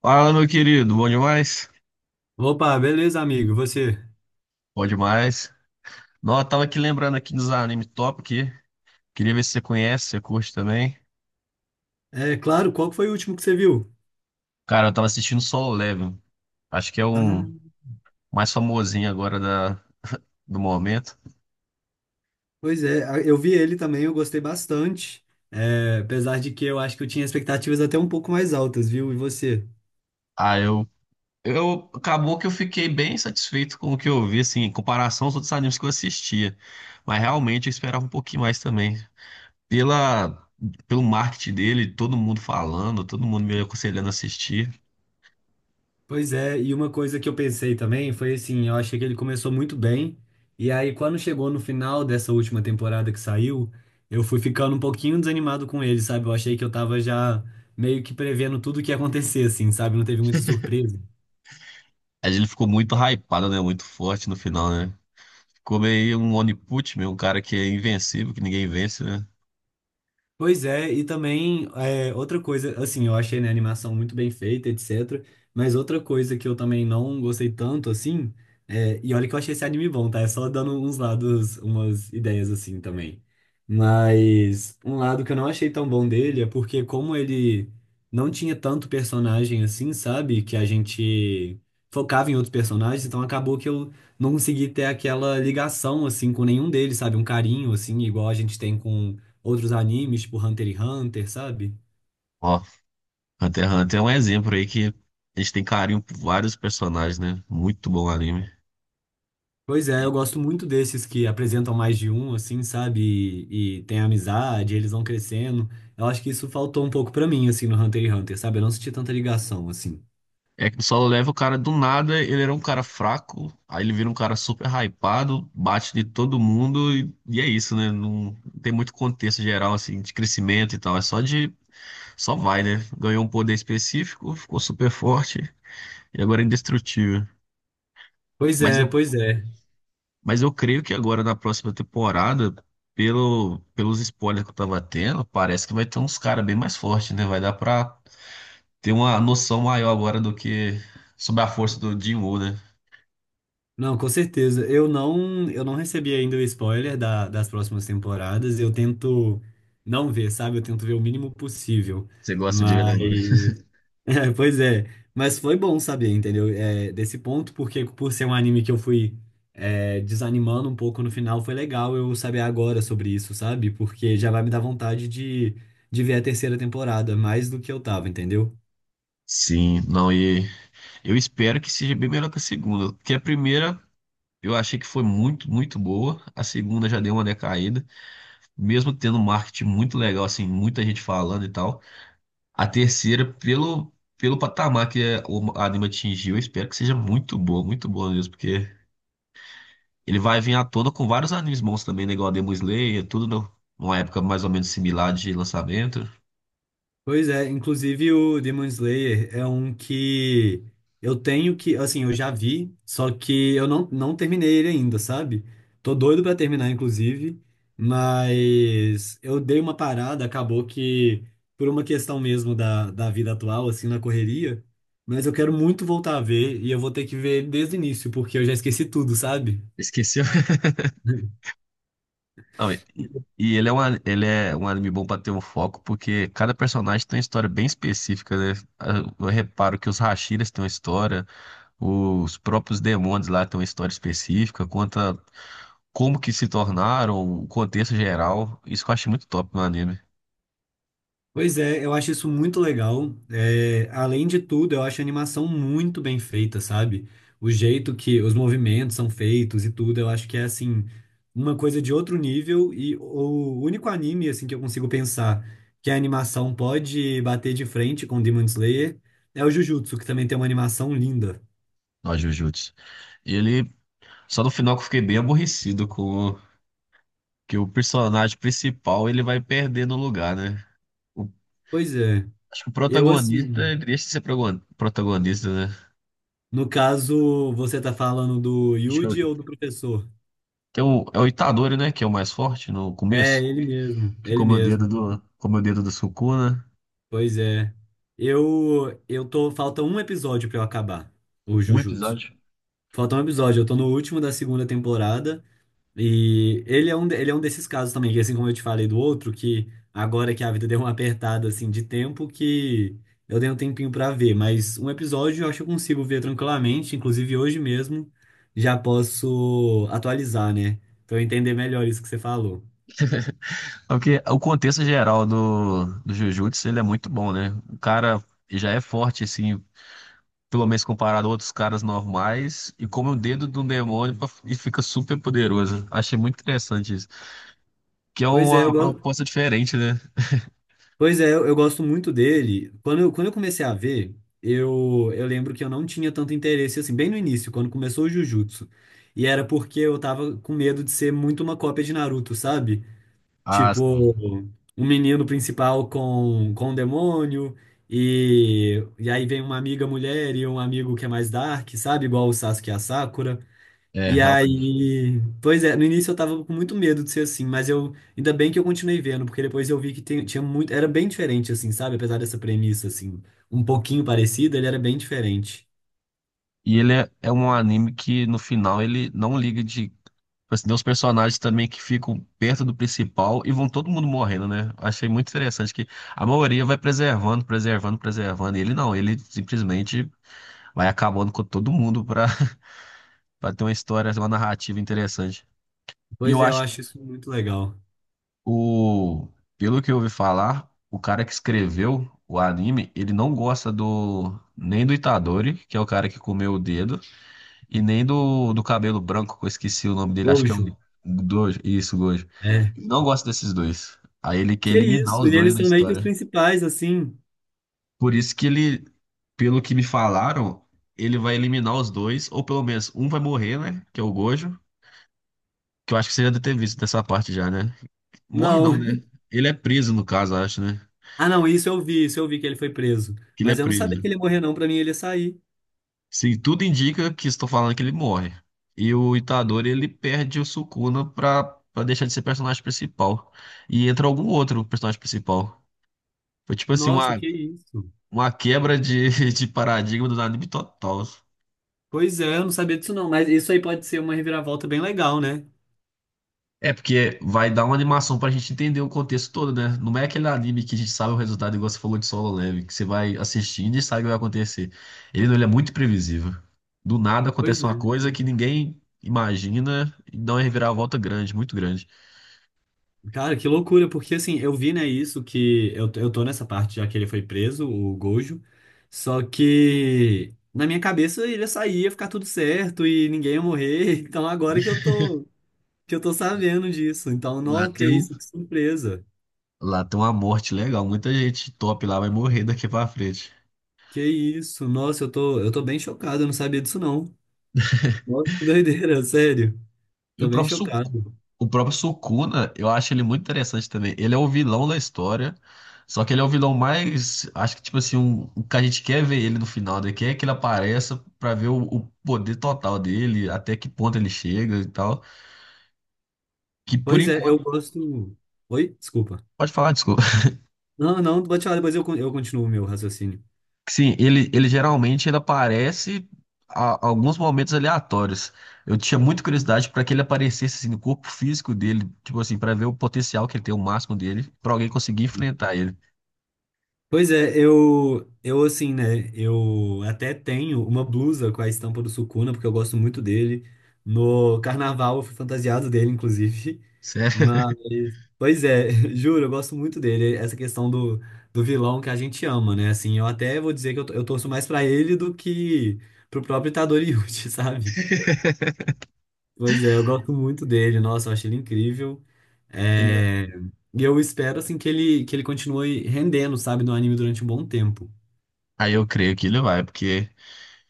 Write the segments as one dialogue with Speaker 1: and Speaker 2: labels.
Speaker 1: Fala, meu querido, bom demais?
Speaker 2: Opa, beleza, amigo. E você?
Speaker 1: Bom demais. Não, eu tava aqui lembrando aqui dos anime top aqui. Queria ver se você conhece, se você curte também.
Speaker 2: É claro, qual que foi o último que você viu?
Speaker 1: Cara, eu tava assistindo Solo Leveling. Acho que é
Speaker 2: Ah,
Speaker 1: um mais famosinho agora do momento.
Speaker 2: Eu vi ele também, eu gostei bastante. É, apesar de que eu acho que eu tinha expectativas até um pouco mais altas, viu? E você?
Speaker 1: Ah, eu, acabou que eu fiquei bem satisfeito com o que eu vi, assim, em comparação aos outros animes que eu assistia. Mas realmente eu esperava um pouquinho mais também. Pela... Pelo marketing dele, todo mundo falando, todo mundo me aconselhando a assistir.
Speaker 2: Pois é, e uma coisa que eu pensei também foi assim, eu achei que ele começou muito bem, e aí quando chegou no final dessa última temporada que saiu, eu fui ficando um pouquinho desanimado com ele, sabe? Eu achei que eu tava já meio que prevendo tudo o que ia acontecer, assim, sabe? Não teve muita surpresa.
Speaker 1: Mas ele ficou muito hypado, né? Muito forte no final, né? Como aí um Oniput, meu, um cara que é invencível, que ninguém vence, né?
Speaker 2: Pois é, e também é, outra coisa, assim, eu achei, né, a animação muito bem feita, etc. Mas outra coisa que eu também não gostei tanto, assim, é, e olha que eu achei esse anime bom, tá? É só dando uns lados, umas ideias assim também. Mas um lado que eu não achei tão bom dele é porque como ele não tinha tanto personagem assim, sabe? Que a gente focava em outros personagens, então acabou que eu não consegui ter aquela ligação, assim, com nenhum deles, sabe? Um carinho, assim, igual a gente tem com outros animes, tipo Hunter x Hunter, sabe?
Speaker 1: Ó, Hunter x Hunter é um exemplo aí que a gente tem carinho por vários personagens, né? Muito bom anime.
Speaker 2: Pois é, eu
Speaker 1: E
Speaker 2: gosto muito desses que apresentam mais de um, assim, sabe? E tem amizade, eles vão crescendo. Eu acho que isso faltou um pouco pra mim, assim, no Hunter x Hunter, sabe? Eu não senti tanta ligação, assim.
Speaker 1: É que o Solo Level, o cara do nada, ele era um cara fraco, aí ele vira um cara super hypado, bate de todo mundo e é isso, né? Não tem muito contexto geral, assim, de crescimento e tal. Só vai, né? Ganhou um poder específico, ficou super forte e agora é indestrutível.
Speaker 2: Pois
Speaker 1: Mas
Speaker 2: é,
Speaker 1: eu,
Speaker 2: pois é.
Speaker 1: Mas eu creio que agora na próxima temporada, pelos spoilers que eu tava tendo, parece que vai ter uns caras bem mais fortes, né? Vai dar pra ter uma noção maior agora do que sobre a força do Jim Woo, né?
Speaker 2: Não, com certeza. Eu não recebi ainda o spoiler das próximas temporadas. Eu tento não ver, sabe? Eu tento ver o mínimo possível.
Speaker 1: Você gosta de ver
Speaker 2: Mas
Speaker 1: agora.
Speaker 2: é, pois é, mas foi bom saber, entendeu? É, desse ponto, porque por ser um anime que eu fui é, desanimando um pouco no final, foi legal eu saber agora sobre isso, sabe? Porque já vai me dar vontade de ver a terceira temporada, mais do que eu tava, entendeu?
Speaker 1: Sim, não, e eu espero que seja bem melhor que a segunda, porque a primeira eu achei que foi muito, muito boa, a segunda já deu uma decaída, mesmo tendo um marketing muito legal, assim, muita gente falando e tal. A terceira, pelo, pelo patamar que o anime atingiu, eu espero que seja muito boa mesmo, porque ele vai vir à tona com vários animes bons também, né? Igual a Demon Slayer, tudo no- numa época mais ou menos similar de lançamento.
Speaker 2: Pois é, inclusive o Demon Slayer é um que eu tenho que, assim, eu já vi, só que eu não, não terminei ele ainda, sabe? Tô doido pra terminar, inclusive, mas eu dei uma parada, acabou que por uma questão mesmo da vida atual, assim, na correria, mas eu quero muito voltar a ver e eu vou ter que ver ele desde o início, porque eu já esqueci tudo, sabe?
Speaker 1: Esqueceu? Não, e ele é, ele é um anime bom pra ter um foco, porque cada personagem tem uma história bem específica, né? Eu reparo que os Hashiras têm uma história, os próprios demônios lá têm uma história específica, conta como que se tornaram, o contexto geral. Isso que eu achei muito top no anime,
Speaker 2: Pois é, eu acho isso muito legal. É, além de tudo, eu acho a animação muito bem feita, sabe? O jeito que os movimentos são feitos e tudo, eu acho que é assim, uma coisa de outro nível e o único anime assim que eu consigo pensar que a animação pode bater de frente com Demon Slayer é o Jujutsu, que também tem uma animação linda.
Speaker 1: no Jujutsu. Ele, Só no final que eu fiquei bem aborrecido com que o personagem principal ele vai perdendo o lugar, né? O-
Speaker 2: Pois é.
Speaker 1: Acho que o
Speaker 2: Eu assim,
Speaker 1: protagonista, ele deixa de ser protagonista, né?
Speaker 2: no caso, você tá falando do
Speaker 1: Acho que é
Speaker 2: Yuji ou do professor?
Speaker 1: tem o, é o Itadori, né? Que é o mais forte no
Speaker 2: É,
Speaker 1: começo,
Speaker 2: ele mesmo,
Speaker 1: que
Speaker 2: ele
Speaker 1: come o dedo
Speaker 2: mesmo.
Speaker 1: come o dedo do Sukuna.
Speaker 2: Pois é. Eu tô falta um episódio pra eu acabar o
Speaker 1: Um
Speaker 2: Jujutsu.
Speaker 1: episódio.
Speaker 2: Falta um episódio, eu tô no último da segunda temporada e ele é um ele é um desses casos também, que assim como eu te falei do outro, que agora que a vida deu uma apertada assim de tempo que eu dei um tempinho pra ver, mas um episódio eu acho que eu consigo ver tranquilamente, inclusive hoje mesmo já posso atualizar, né? Pra eu entender melhor isso que você falou.
Speaker 1: É porque o contexto geral do Jujutsu, ele é muito bom, né? O cara já é forte, assim, pelo menos comparado a outros caras normais, e come o dedo de um demônio e fica super poderoso. Achei muito interessante isso. Que é
Speaker 2: Pois é, eu,
Speaker 1: uma
Speaker 2: go-
Speaker 1: proposta diferente, né?
Speaker 2: Pois é, eu gosto muito dele. Quando eu comecei a ver, eu lembro que eu não tinha tanto interesse, assim, bem no início, quando começou o Jujutsu. E era porque eu tava com medo de ser muito uma cópia de Naruto, sabe?
Speaker 1: Ah,
Speaker 2: Tipo,
Speaker 1: sim.
Speaker 2: um menino principal com um demônio, e aí vem uma amiga mulher e um amigo que é mais dark, sabe? Igual o Sasuke e a Sakura.
Speaker 1: É,
Speaker 2: E
Speaker 1: realmente.
Speaker 2: aí, pois é, no início eu tava com muito medo de ser assim, mas eu ainda bem que eu continuei vendo, porque depois eu vi que tinha muito, era bem diferente assim, sabe? Apesar dessa premissa assim, um pouquinho parecida, ele era bem diferente.
Speaker 1: E ele é, é um anime que no final ele não liga de tipo, assim, tem uns personagens também que ficam perto do principal e vão todo mundo morrendo, né? Achei muito interessante que a maioria vai preservando, preservando, preservando. E ele não, ele simplesmente vai acabando com todo mundo pra, pra ter uma história, uma narrativa interessante. E
Speaker 2: Pois
Speaker 1: eu
Speaker 2: é, eu
Speaker 1: acho
Speaker 2: acho isso muito legal.
Speaker 1: O, pelo que eu ouvi falar, o cara que escreveu o anime, ele não gosta do nem do Itadori, que é o cara que comeu o dedo, e nem do cabelo branco, que eu esqueci o nome dele, acho que é
Speaker 2: Gojo.
Speaker 1: o Gojo, isso, Gojo.
Speaker 2: É.
Speaker 1: Ele não gosta desses dois. Aí ele quer
Speaker 2: Que
Speaker 1: eliminar
Speaker 2: isso?
Speaker 1: os
Speaker 2: E
Speaker 1: dois
Speaker 2: eles
Speaker 1: na
Speaker 2: são meio que os
Speaker 1: história.
Speaker 2: principais assim.
Speaker 1: Por isso que pelo que me falaram, ele vai eliminar os dois, ou pelo menos um vai morrer, né? Que é o Gojo, que eu acho que você já deve ter visto dessa parte já, né? Morre
Speaker 2: Não.
Speaker 1: não, né? Ele é preso, no caso, acho, né?
Speaker 2: Ah, não, isso eu vi que ele foi preso,
Speaker 1: Que ele é
Speaker 2: mas eu não sabia que
Speaker 1: preso.
Speaker 2: ele ia morrer não, pra mim ele ia sair.
Speaker 1: Sim, tudo indica que estou falando que ele morre. E o Itadori, ele perde o Sukuna pra, pra deixar de ser personagem principal. E entra algum outro personagem principal. Foi tipo assim,
Speaker 2: Nossa, que isso.
Speaker 1: uma quebra de, de paradigma do anime total.
Speaker 2: Pois é, eu não sabia disso não, mas isso aí pode ser uma reviravolta bem legal, né?
Speaker 1: É, porque vai dar uma animação pra gente entender o contexto todo, né? Não é aquele anime que a gente sabe o resultado, igual você falou de Solo Leveling, que você vai assistindo e sabe o que vai acontecer. Ele não, ele é muito previsível. Do nada
Speaker 2: Pois
Speaker 1: acontece uma
Speaker 2: é.
Speaker 1: coisa que ninguém imagina e dá uma reviravolta grande, muito grande.
Speaker 2: Cara, que loucura, porque assim, eu vi, né, isso que eu tô nessa parte já que ele foi preso, o Gojo. Só que na minha cabeça ele ia sair, ia ficar tudo certo e ninguém ia morrer. Então agora que eu tô sabendo disso. Então,
Speaker 1: Lá
Speaker 2: nossa, que
Speaker 1: tem, um-
Speaker 2: isso, que surpresa.
Speaker 1: lá tem uma morte legal. Muita gente top lá vai morrer daqui pra frente.
Speaker 2: Que isso? Nossa, eu tô bem chocado, eu não sabia disso não. Nossa, que doideira, sério.
Speaker 1: E o
Speaker 2: Tô bem
Speaker 1: próprio, Su-
Speaker 2: chocado.
Speaker 1: o próprio Sukuna, eu acho ele muito interessante também. Ele é o vilão da história. Só que ele é o vilão mais. Acho que, tipo assim, um, o que a gente quer ver ele no final, né? Quer que ele apareça pra ver o poder total dele, até que ponto ele chega e tal. Que por
Speaker 2: Pois é, eu
Speaker 1: enquanto.
Speaker 2: gosto. Oi? Desculpa.
Speaker 1: Pode falar, desculpa.
Speaker 2: Não, não, pode falar, depois eu continuo o meu raciocínio.
Speaker 1: Sim, ele geralmente ele aparece alguns momentos aleatórios. Eu tinha muita curiosidade para que ele aparecesse assim, no corpo físico dele, tipo assim, para ver o potencial que ele tem, o máximo dele, para alguém conseguir enfrentar ele.
Speaker 2: Pois é, eu assim, né? Eu até tenho uma blusa com a estampa do Sukuna, porque eu gosto muito dele. No carnaval eu fui fantasiado dele, inclusive. Mas,
Speaker 1: Sério?
Speaker 2: pois é, juro, eu gosto muito dele. Essa questão do vilão que a gente ama, né? Assim, eu até vou dizer que eu torço mais pra ele do que pro próprio Itadori Yuji, sabe? Pois é, eu gosto muito dele. Nossa, eu acho ele incrível.
Speaker 1: Ele-
Speaker 2: É, e eu espero, assim, que ele continue rendendo, sabe, no anime durante um bom tempo.
Speaker 1: aí eu creio que ele vai, porque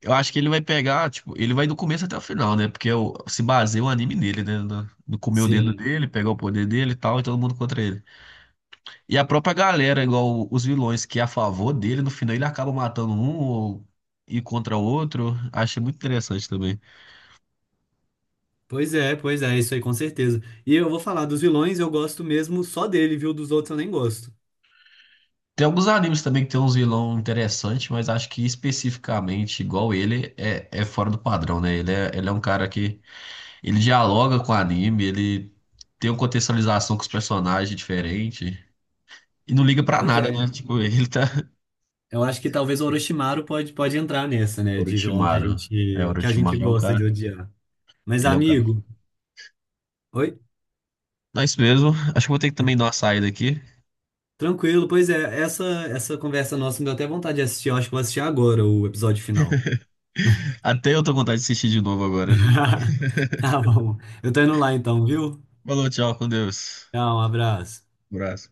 Speaker 1: eu acho que ele vai pegar, tipo, ele vai do começo até o final, né? Porque se baseia o anime nele, né? No comer o dedo
Speaker 2: Sim.
Speaker 1: dele, pegar o poder dele e tal, e todo mundo contra ele. E a própria galera, igual os vilões que é a favor dele, no final ele acaba matando um ou e contra o outro. Achei muito interessante também.
Speaker 2: Pois é, isso aí com certeza. E eu vou falar dos vilões, eu gosto mesmo só dele, viu? Dos outros eu nem gosto.
Speaker 1: Tem alguns animes também que tem uns vilão interessantes, mas acho que especificamente igual é fora do padrão, né? Ele é um cara que ele dialoga com o anime, ele tem uma contextualização com os personagens diferente e não liga pra
Speaker 2: Pois
Speaker 1: nada,
Speaker 2: é.
Speaker 1: né? Tipo, ele tá
Speaker 2: Eu acho que talvez o Orochimaru pode, pode entrar nessa, né? De vilão que
Speaker 1: Orochimaru. É,
Speaker 2: que a gente
Speaker 1: Orochimaru é um
Speaker 2: gosta de
Speaker 1: cara,
Speaker 2: odiar. Mas,
Speaker 1: ele é um cara.
Speaker 2: amigo, oi?
Speaker 1: Mas mesmo, acho que vou ter que também dar uma saída aqui.
Speaker 2: Tranquilo, pois é, essa conversa nossa me deu até vontade de assistir. Eu acho que vou assistir agora o episódio final.
Speaker 1: Até eu tô com vontade de assistir de novo agora.
Speaker 2: Tá bom. Eu tô indo lá então, viu?
Speaker 1: Falou, tchau, com Deus.
Speaker 2: Tchau, um abraço.
Speaker 1: Abraço.